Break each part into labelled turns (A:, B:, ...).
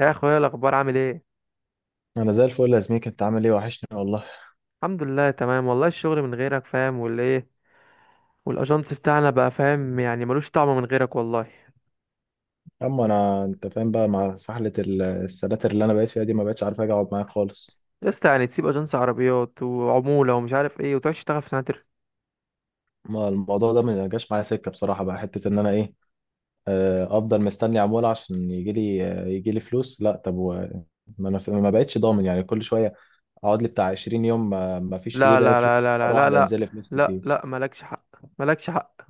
A: يا اخويا، إيه الاخبار؟ عامل ايه؟
B: انا زي الفل يا زميك، انت عامل ايه؟ وحشني والله.
A: الحمد لله، تمام والله. الشغل من غيرك فاهم ولا ايه؟ والاجنس بتاعنا بقى فاهم، يعني ملوش طعم من غيرك والله.
B: اما انا، انت فاهم بقى، مع سحله السناتر اللي انا بقيت فيها دي، ما بقتش عارف اجي اقعد معاك خالص.
A: يا اسطى، يعني تسيب اجنس عربيات وعموله ومش عارف ايه وتروح تشتغل في سناتر؟
B: ما الموضوع ده ما جاش معايا سكه بصراحه، بقى حته ان انا ايه، افضل مستني عموله عشان يجي لي، يجي لي فلوس. لا طب ما انا ما بقتش ضامن، يعني كل شويه اقعد لي بتاع 20 يوم ما فيش في
A: لا
B: جيبي اي
A: لا لا
B: فلوس،
A: لا لا
B: مره
A: لا
B: واحده
A: لا
B: ينزل لي فلوس
A: لا
B: كتير.
A: لا، مالكش حق، مالكش حق.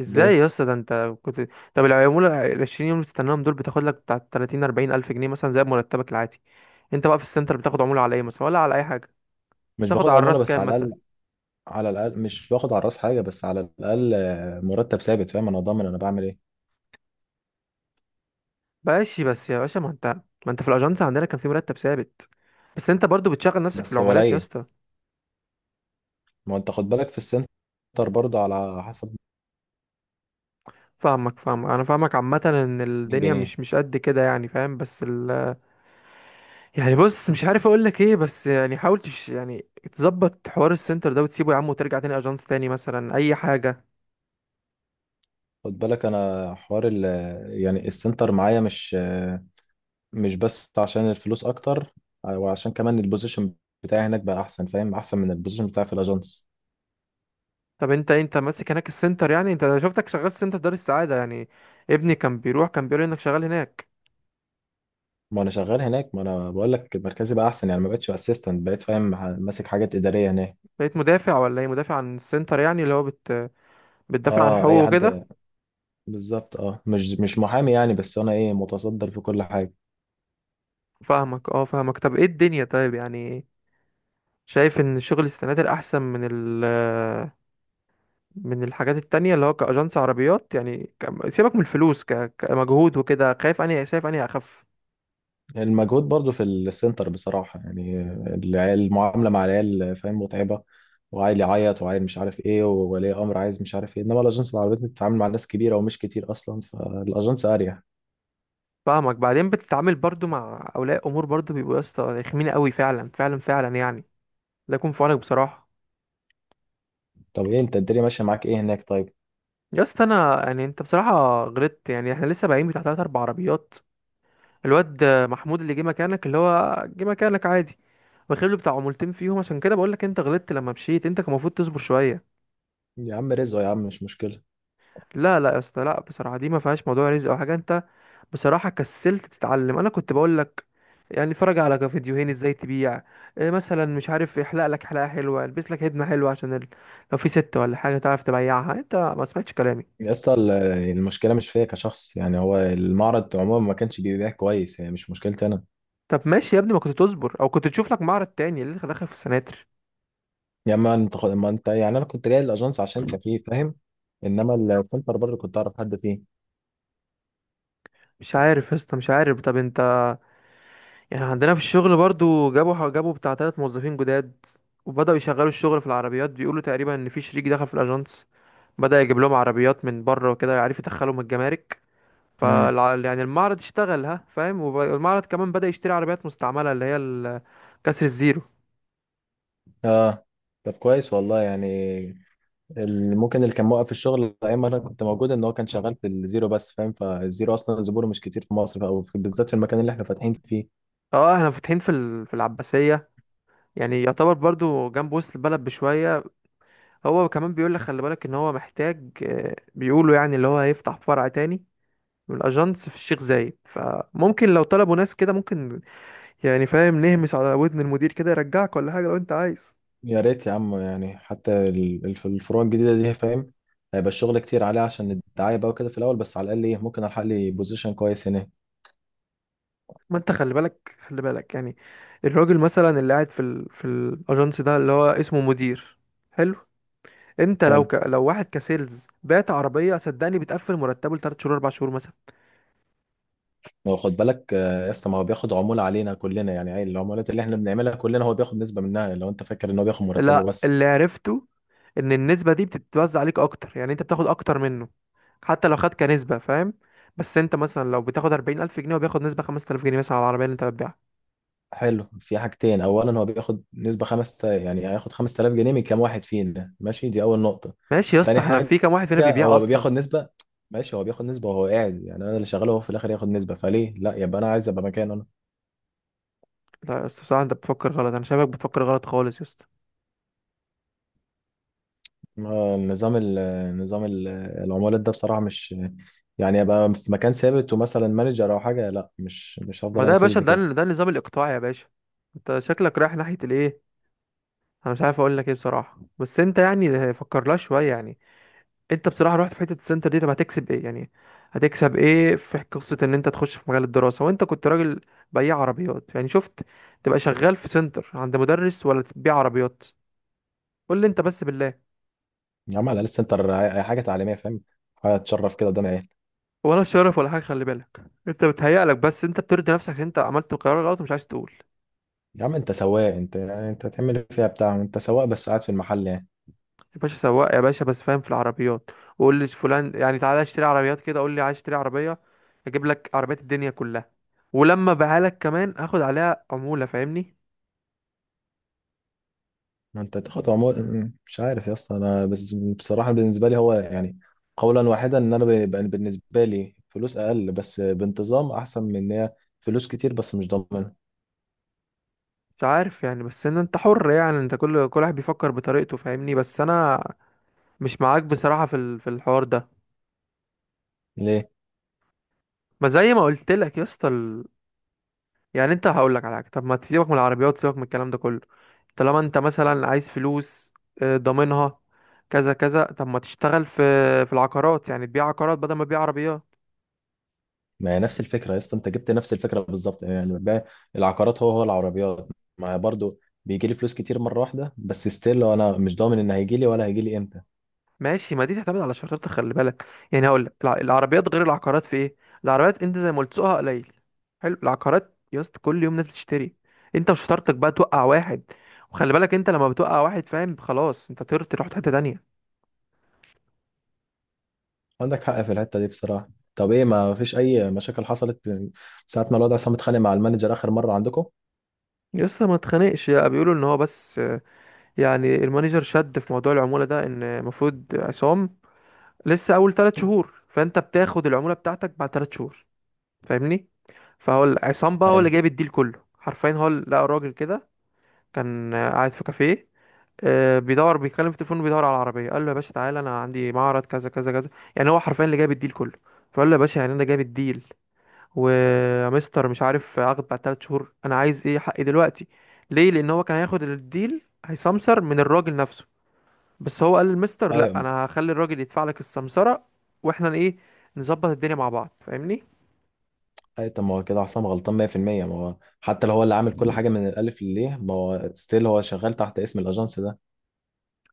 A: ازاي
B: ليه؟
A: يا اسطى؟ ده انت كنت. طب العموله ال 20 يوم اللي بتستناهم دول بتاخد لك بتاع 30 40 الف جنيه مثلا، زي مرتبك العادي. انت بقى في السنتر بتاخد عموله على ايه مثلا، ولا على اي حاجه؟
B: مش
A: تاخد
B: باخد
A: على
B: عموله،
A: الراس
B: بس
A: كام
B: على
A: مثلا؟
B: الاقل. على الاقل مش باخد على الراس حاجه، بس على الاقل مرتب ثابت، فاهم؟ انا ضامن، انا بعمل ايه.
A: ماشي بس يا باشا. ما انت في الاجنس عندنا كان في مرتب ثابت. بس انت برضو بتشغل نفسك في
B: بس
A: العملات يا
B: قليل.
A: اسطى.
B: ما انت خد بالك، في السنتر برضه على حسب.
A: فاهمك، فاهمك، انا فاهمك. عامه ان
B: 100
A: الدنيا
B: جنيه
A: مش قد كده يعني، فاهم. بس يعني بص، مش عارف اقول لك ايه بس يعني حاول يعني تظبط حوار السنتر ده وتسيبه يا عم، وترجع تاني اجنس تاني مثلا اي حاجه.
B: خد بالك، انا حوار ال، يعني السنتر معايا، مش مش بس عشان الفلوس اكتر، وعشان كمان البوزيشن بتاعي هناك بقى احسن، فاهم؟ احسن من البوزيشن بتاعي في الاجانس.
A: طب انت، انت ماسك هناك السنتر، يعني انت شفتك شغال في سنتر دار السعاده يعني. ابني كان بيروح، كان بيقول لي انك شغال هناك.
B: ما انا شغال هناك، ما انا بقول لك مركزي بقى احسن، يعني ما بقتش اسيستنت، بقيت فاهم ماسك حاجات اداريه هناك.
A: بقيت مدافع ولا ايه؟ مدافع عن السنتر، يعني اللي هو بتدافع عن
B: اه،
A: حقوقه
B: اي
A: وكده.
B: حد. بالظبط اه، مش محامي يعني، بس انا ايه، متصدر في كل حاجه.
A: فاهمك، اه فاهمك. طب ايه الدنيا طيب، يعني شايف ان شغل السناتر احسن من ال، من الحاجات التانية اللي هو كأجنس عربيات، يعني سيبك من الفلوس، كمجهود وكده، خايف اني شايف اني اخف.
B: المجهود برضو في السنتر بصراحة، يعني المعاملة مع العيال، فاهم؟ متعبة. وعيل يعيط، وعيل مش عارف ايه، وولي امر عايز مش عارف ايه، انما الاجنس العربية بتتعامل مع ناس كبيرة ومش كتير اصلا، فالاجنس اريح.
A: فاهمك. بعدين بتتعامل برضو مع اولياء امور، برضو بيبقوا يا اسطى رخمين قوي، فعلا فعلا فعلا يعني. لا يكون في عونك بصراحة.
B: طب ايه انت، الدنيا ماشية معاك ايه هناك طيب؟
A: يا اسطى، انا يعني انت بصراحة غلطت. يعني احنا لسه باقيين بتاع تلات اربع عربيات. الواد محمود اللي جه مكانك، اللي هو جه مكانك عادي، واخد له بتاع عمولتين فيهم. عشان كده بقول لك انت غلطت لما مشيت، انت كان المفروض تصبر شويه.
B: يا عم رزقه، يا عم، مش مشكلة.
A: لا لا يا اسطى، لا، بصراحه دي ما فيهاش موضوع رزق او حاجه. انت بصراحه كسلت تتعلم. انا كنت بقول لك يعني اتفرج على فيديوهين ازاي تبيع، إيه مثلا، مش عارف، يحلق لك حلاقه حلوه، البس لك هدمه حلوه، عشان لو في ست ولا حاجه تعرف تبيعها. انت ما سمعتش كلامي.
B: يا اسطى المشكلة مش فيا كشخص، يعني هو المعرض عموما ما كانش بيبيع كويس، يعني مش مشكلتي انا.
A: طب ماشي يا ابني، ما كنت تصبر او كنت تشوف لك معرض تاني، ليه داخل في السناتر؟
B: يا اما انت ما انت يعني، انا كنت جاي الاجنس عشان كان فيه، فاهم؟ انما السنتر برضه كنت اعرف حد فيه.
A: مش عارف يا اسطى، مش عارف. طب انت، يعني عندنا في الشغل برضو، جابوا جابوا بتاع تلات موظفين جداد، وبدأوا يشغلوا الشغل في العربيات. بيقولوا تقريبا ان في شريك دخل في الاجانس، بدأ يجيب لهم عربيات من بره وكده، يعرف يدخلهم الجمارك.
B: مم.
A: يعني المعرض اشتغل، ها فاهم، والمعرض كمان بدأ يشتري عربيات مستعملة، اللي هي كسر الزيرو.
B: اه. طب كويس والله يعني. ممكن اللي كان موقف الشغل ايام ما انا كنت موجود، ان هو كان شغال في الزيرو بس، فاهم؟ فالزيرو اصلا زبونه مش كتير في مصر، او بالذات في المكان اللي احنا فاتحين فيه.
A: اه، احنا فاتحين في في العباسية، يعني يعتبر برضو جنب وسط البلد بشوية. هو كمان بيقول لك خلي بالك، ان هو محتاج، بيقولوا يعني اللي هو هيفتح فرع تاني من الاجانس في الشيخ زايد. فممكن لو طلبوا ناس كده ممكن، يعني فاهم، نهمس على ودن المدير كده يرجعك ولا حاجه لو انت عايز.
B: يا ريت يا عم، يعني حتى الفروع الجديده دي، فاهم؟ هيبقى الشغل كتير عليه عشان الدعايه بقى وكده في الاول، بس على الاقل ايه، ممكن الحق لي بوزيشن كويس هناك.
A: ما انت خلي بالك، خلي بالك، يعني الراجل مثلا اللي قاعد في في الاجانس ده اللي هو اسمه مدير. حلو. انت لو
B: حلو.
A: لو واحد كسيلز بعت عربيه، صدقني بتقفل مرتبه لثلاث شهور اربع شهور مثلا.
B: هو خد بالك يا اسطى، ما هو بياخد عموله علينا كلنا، يعني أي العمولات اللي احنا بنعملها كلنا هو بياخد نسبه منها، لو انت فاكر ان هو بياخد مرتبه
A: لا،
B: بس.
A: اللي عرفته ان النسبة دي بتتوزع عليك اكتر. يعني انت بتاخد اكتر منه حتى لو خد كنسبة، فاهم. بس انت مثلا لو بتاخد 40 الف جنيه وبياخد نسبة 5000 جنيه مثلا على العربية اللي انت بتبيعها.
B: حلو، في حاجتين. اولا، هو بياخد نسبه خمس، يعني هياخد 5000 جنيه من كام واحد فينا؟ ماشي، دي اول نقطه.
A: ماشي يا اسطى،
B: تاني
A: احنا
B: حاجه،
A: في كام واحد فينا بيبيع
B: هو
A: اصلا؟
B: بياخد نسبه. ماشي، هو بياخد نسبه وهو قاعد، يعني انا اللي شغاله هو في الاخر ياخد نسبه، فليه لا يبقى انا عايز ابقى مكانه انا.
A: لا يا اسطى، بصراحة انت بتفكر غلط. انا شايفك بتفكر غلط خالص يا اسطى.
B: نظام العمولات ده بصراحه مش، يعني ابقى في مكان ثابت ومثلا مانجر او حاجه، لا، مش
A: ما
B: هفضل
A: ده
B: انا
A: يا باشا،
B: سيلز
A: ده
B: كده.
A: ده النظام الاقطاعي يا باشا. انت شكلك رايح ناحية الايه؟ انا مش عارف اقول لك ايه بصراحة، بس انت يعني فكر لها شوية يعني. انت بصراحه رحت في حته السنتر دي، طب هتكسب ايه يعني؟ هتكسب ايه في قصه ان انت تخش في مجال الدراسه وانت كنت راجل بياع عربيات؟ يعني شفت، تبقى شغال في سنتر عند مدرس ولا تبيع عربيات؟ قول لي انت بس بالله.
B: يا عم على الاقل السنتر حاجه تعليميه فاهم، حاجه تشرف كده قدام العيال.
A: ولا شرف ولا حاجه، خلي بالك. انت بتهيألك بس، انت بترضي نفسك ان انت عملت القرار الغلط ومش عايز تقول.
B: يا عم انت سواق، انت يعني انت هتعمل إيه فيها بتاع؟ انت سواق بس قاعد في المحل يعني.
A: يا باشا سواق، يا باشا، بس فاهم في العربيات. وقول لي فلان، يعني تعالى اشتري عربيات كده، قول لي عايز اشتري عربيه، اجيب لك عربيات الدنيا كلها. ولما بيعها لك كمان هاخد عليها عموله، فاهمني؟
B: ما انت تاخد عمر مش عارف يا اسطى، انا بس بصراحه بالنسبه لي هو يعني، قولا واحدا، ان انا بقى بالنسبه لي فلوس اقل بس بانتظام، احسن من ان هي فلوس كتير بس مش ضامنه.
A: مش عارف يعني، بس ان انت حر يعني. انت كل واحد بيفكر بطريقته، فاهمني. بس انا مش معاك بصراحة في في الحوار ده.
B: ليه؟
A: ما زي ما قلت لك يا اسطى يعني انت، هقول لك على حاجة. طب ما تسيبك من العربيات، سيبك من الكلام ده كله. طالما انت مثلا عايز فلوس ضامنها كذا كذا، طب ما تشتغل في في العقارات، يعني تبيع عقارات بدل ما تبيع عربيات.
B: ما هي نفس الفكره يا اسطى، انت جبت نفس الفكره بالظبط يعني، بقى العقارات هو هو العربيات. ما هي برضو بيجي لي فلوس كتير مره واحده، بس ستيل انا مش ضامن ان هيجي لي ولا هيجي لي امتى.
A: ماشي، ما دي تعتمد على شرطة خلي بالك. يعني هقول لك العربيات غير العقارات في ايه. العربيات انت زي ما قلت سوقها قليل. حلو. العقارات يا اسطى كل يوم ناس بتشتري. انت وشطارتك بقى توقع واحد. وخلي بالك انت لما بتوقع واحد، فاهم، خلاص انت طرت، رحت حتة تانية.
B: عندك حق في الحته دي بصراحه. طب ايه، ما فيش اي مشاكل حصلت من ساعه ما الوضع، عصام اتخانق مع المانجر اخر مره عندكم؟
A: يا اسطى ما تخانقش. يا بيقولوا ان هو بس، يعني المانجر شد في موضوع العمولة ده ان المفروض عصام لسه اول ثلاث شهور، فانت بتاخد العمولة بتاعتك بعد ثلاث شهور، فاهمني. فهو عصام بقى هو
B: حلو.
A: اللي جايب الديل كله حرفيا. هو لقى راجل كده، كان قاعد في كافيه، بيدور، بيتكلم في التليفون وبيدور على العربيه. قال له يا باشا تعالى، انا عندي معرض كذا كذا كذا. يعني هو حرفيا اللي جايب الديل كله. فقال له يا باشا، يعني انا جايب الديل، ومستر مش عارف اخد بعد ثلاث شهور، انا عايز ايه حقي دلوقتي. ليه؟ لان هو كان هياخد الديل، هيسمسر من الراجل نفسه، بس هو قال للمستر لا،
B: ايوه.
A: انا هخلي الراجل يدفع لك السمسره واحنا ايه، نظبط الدنيا مع بعض، فاهمني.
B: اي طب ما هو كده حسام غلطان 100%. ما هو حتى لو هو اللي عامل كل حاجه من الالف لليه، ما هو ستيل هو شغال تحت اسم الاجانس ده.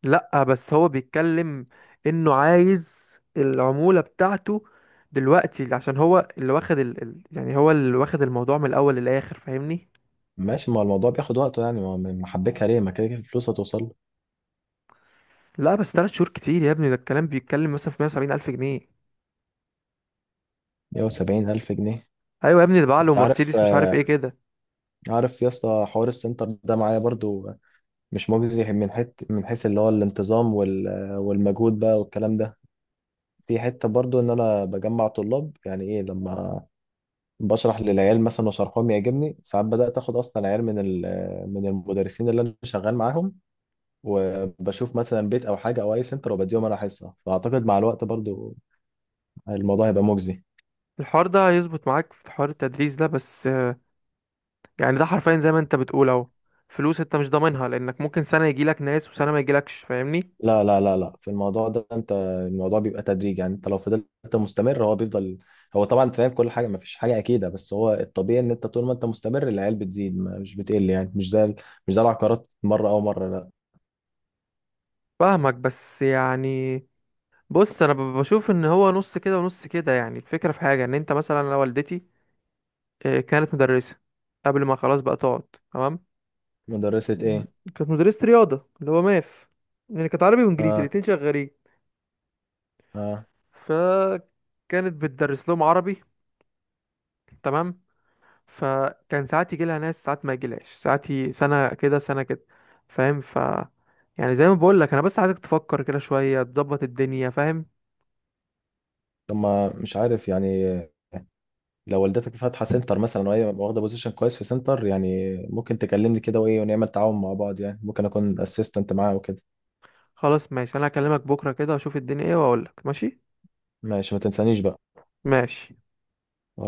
A: لا بس هو بيتكلم انه عايز العمولة بتاعته دلوقتي، عشان هو اللي واخد يعني هو اللي واخد الموضوع من الاول للاخر، فاهمني.
B: ماشي، ما هو الموضوع بياخد وقته يعني، ما هو محبكها ليه، ما كده كده الفلوس هتوصل له.
A: لا بس تلات شهور كتير يا ابني. ده الكلام بيتكلم مثلا في 170 الف جنيه.
B: 170 الف جنيه؟
A: ايوه يا ابني، ده بقى له
B: انت عارف
A: مرسيدس مش عارف ايه كده.
B: عارف يا اسطى، حوار السنتر ده معايا برضو مش مجزي، من حيث اللي هو الانتظام والمجهود بقى والكلام ده. في حته برضو ان انا بجمع طلاب، يعني ايه لما بشرح للعيال مثلا وشرحهم يعجبني ساعات، بدات اخد اصلا عيال من من المدرسين اللي انا شغال معاهم، وبشوف مثلا بيت او حاجه او اي سنتر وبديهم انا حصه، فاعتقد مع الوقت برضو الموضوع هيبقى مجزي.
A: الحوار ده هيظبط معاك في حوار التدريس ده، بس يعني ده حرفيا زي ما انت بتقول اهو. فلوس انت مش ضامنها، لانك ممكن سنة يجيلك ناس وسنة ما يجيلكش، فاهمني.
B: لا، لا، لا، لا، في الموضوع ده انت، الموضوع بيبقى تدريج، يعني انت لو فضلت مستمر هو بيفضل. هو طبعا، انت فاهم كل حاجه، ما فيش حاجه اكيده، بس هو الطبيعي ان انت طول ما انت مستمر العيال بتزيد، مش بتقل، يعني مش زي مش زي العقارات مره او مره، لا.
A: فاهمك بس يعني، بص، انا بشوف ان هو نص كده ونص كده. يعني الفكره في حاجه ان انت مثلا، انا والدتي كانت مدرسه قبل ما خلاص بقى تقعد، تمام.
B: مدرسه
A: مم.
B: ايه؟
A: كانت مدرسه رياضه، اللي هو ماث، يعني كانت عربي وانجليزي
B: اه.
A: الاتنين شغالين.
B: اه.
A: فكانت بتدرس لهم عربي، تمام. فكان ساعات يجي لها ناس، ساعات ما يجيلهاش، ساعات سنه كده سنه كده، فاهم، يعني زي ما بقول لك، انا بس عايزك تفكر كده شويه تظبط الدنيا، فاهم.
B: طب ما مش عارف يعني، لو والدتك فاتحه سنتر مثلا وهي واخده بوزيشن كويس في سنتر يعني، ممكن تكلمني كده وايه، ونعمل تعاون مع بعض، يعني ممكن اكون اسيستنت معاها وكده.
A: خلاص ماشي، انا هكلمك بكره كده واشوف الدنيا ايه واقول لك. ماشي
B: ماشي، ما تنسانيش بقى.
A: ماشي.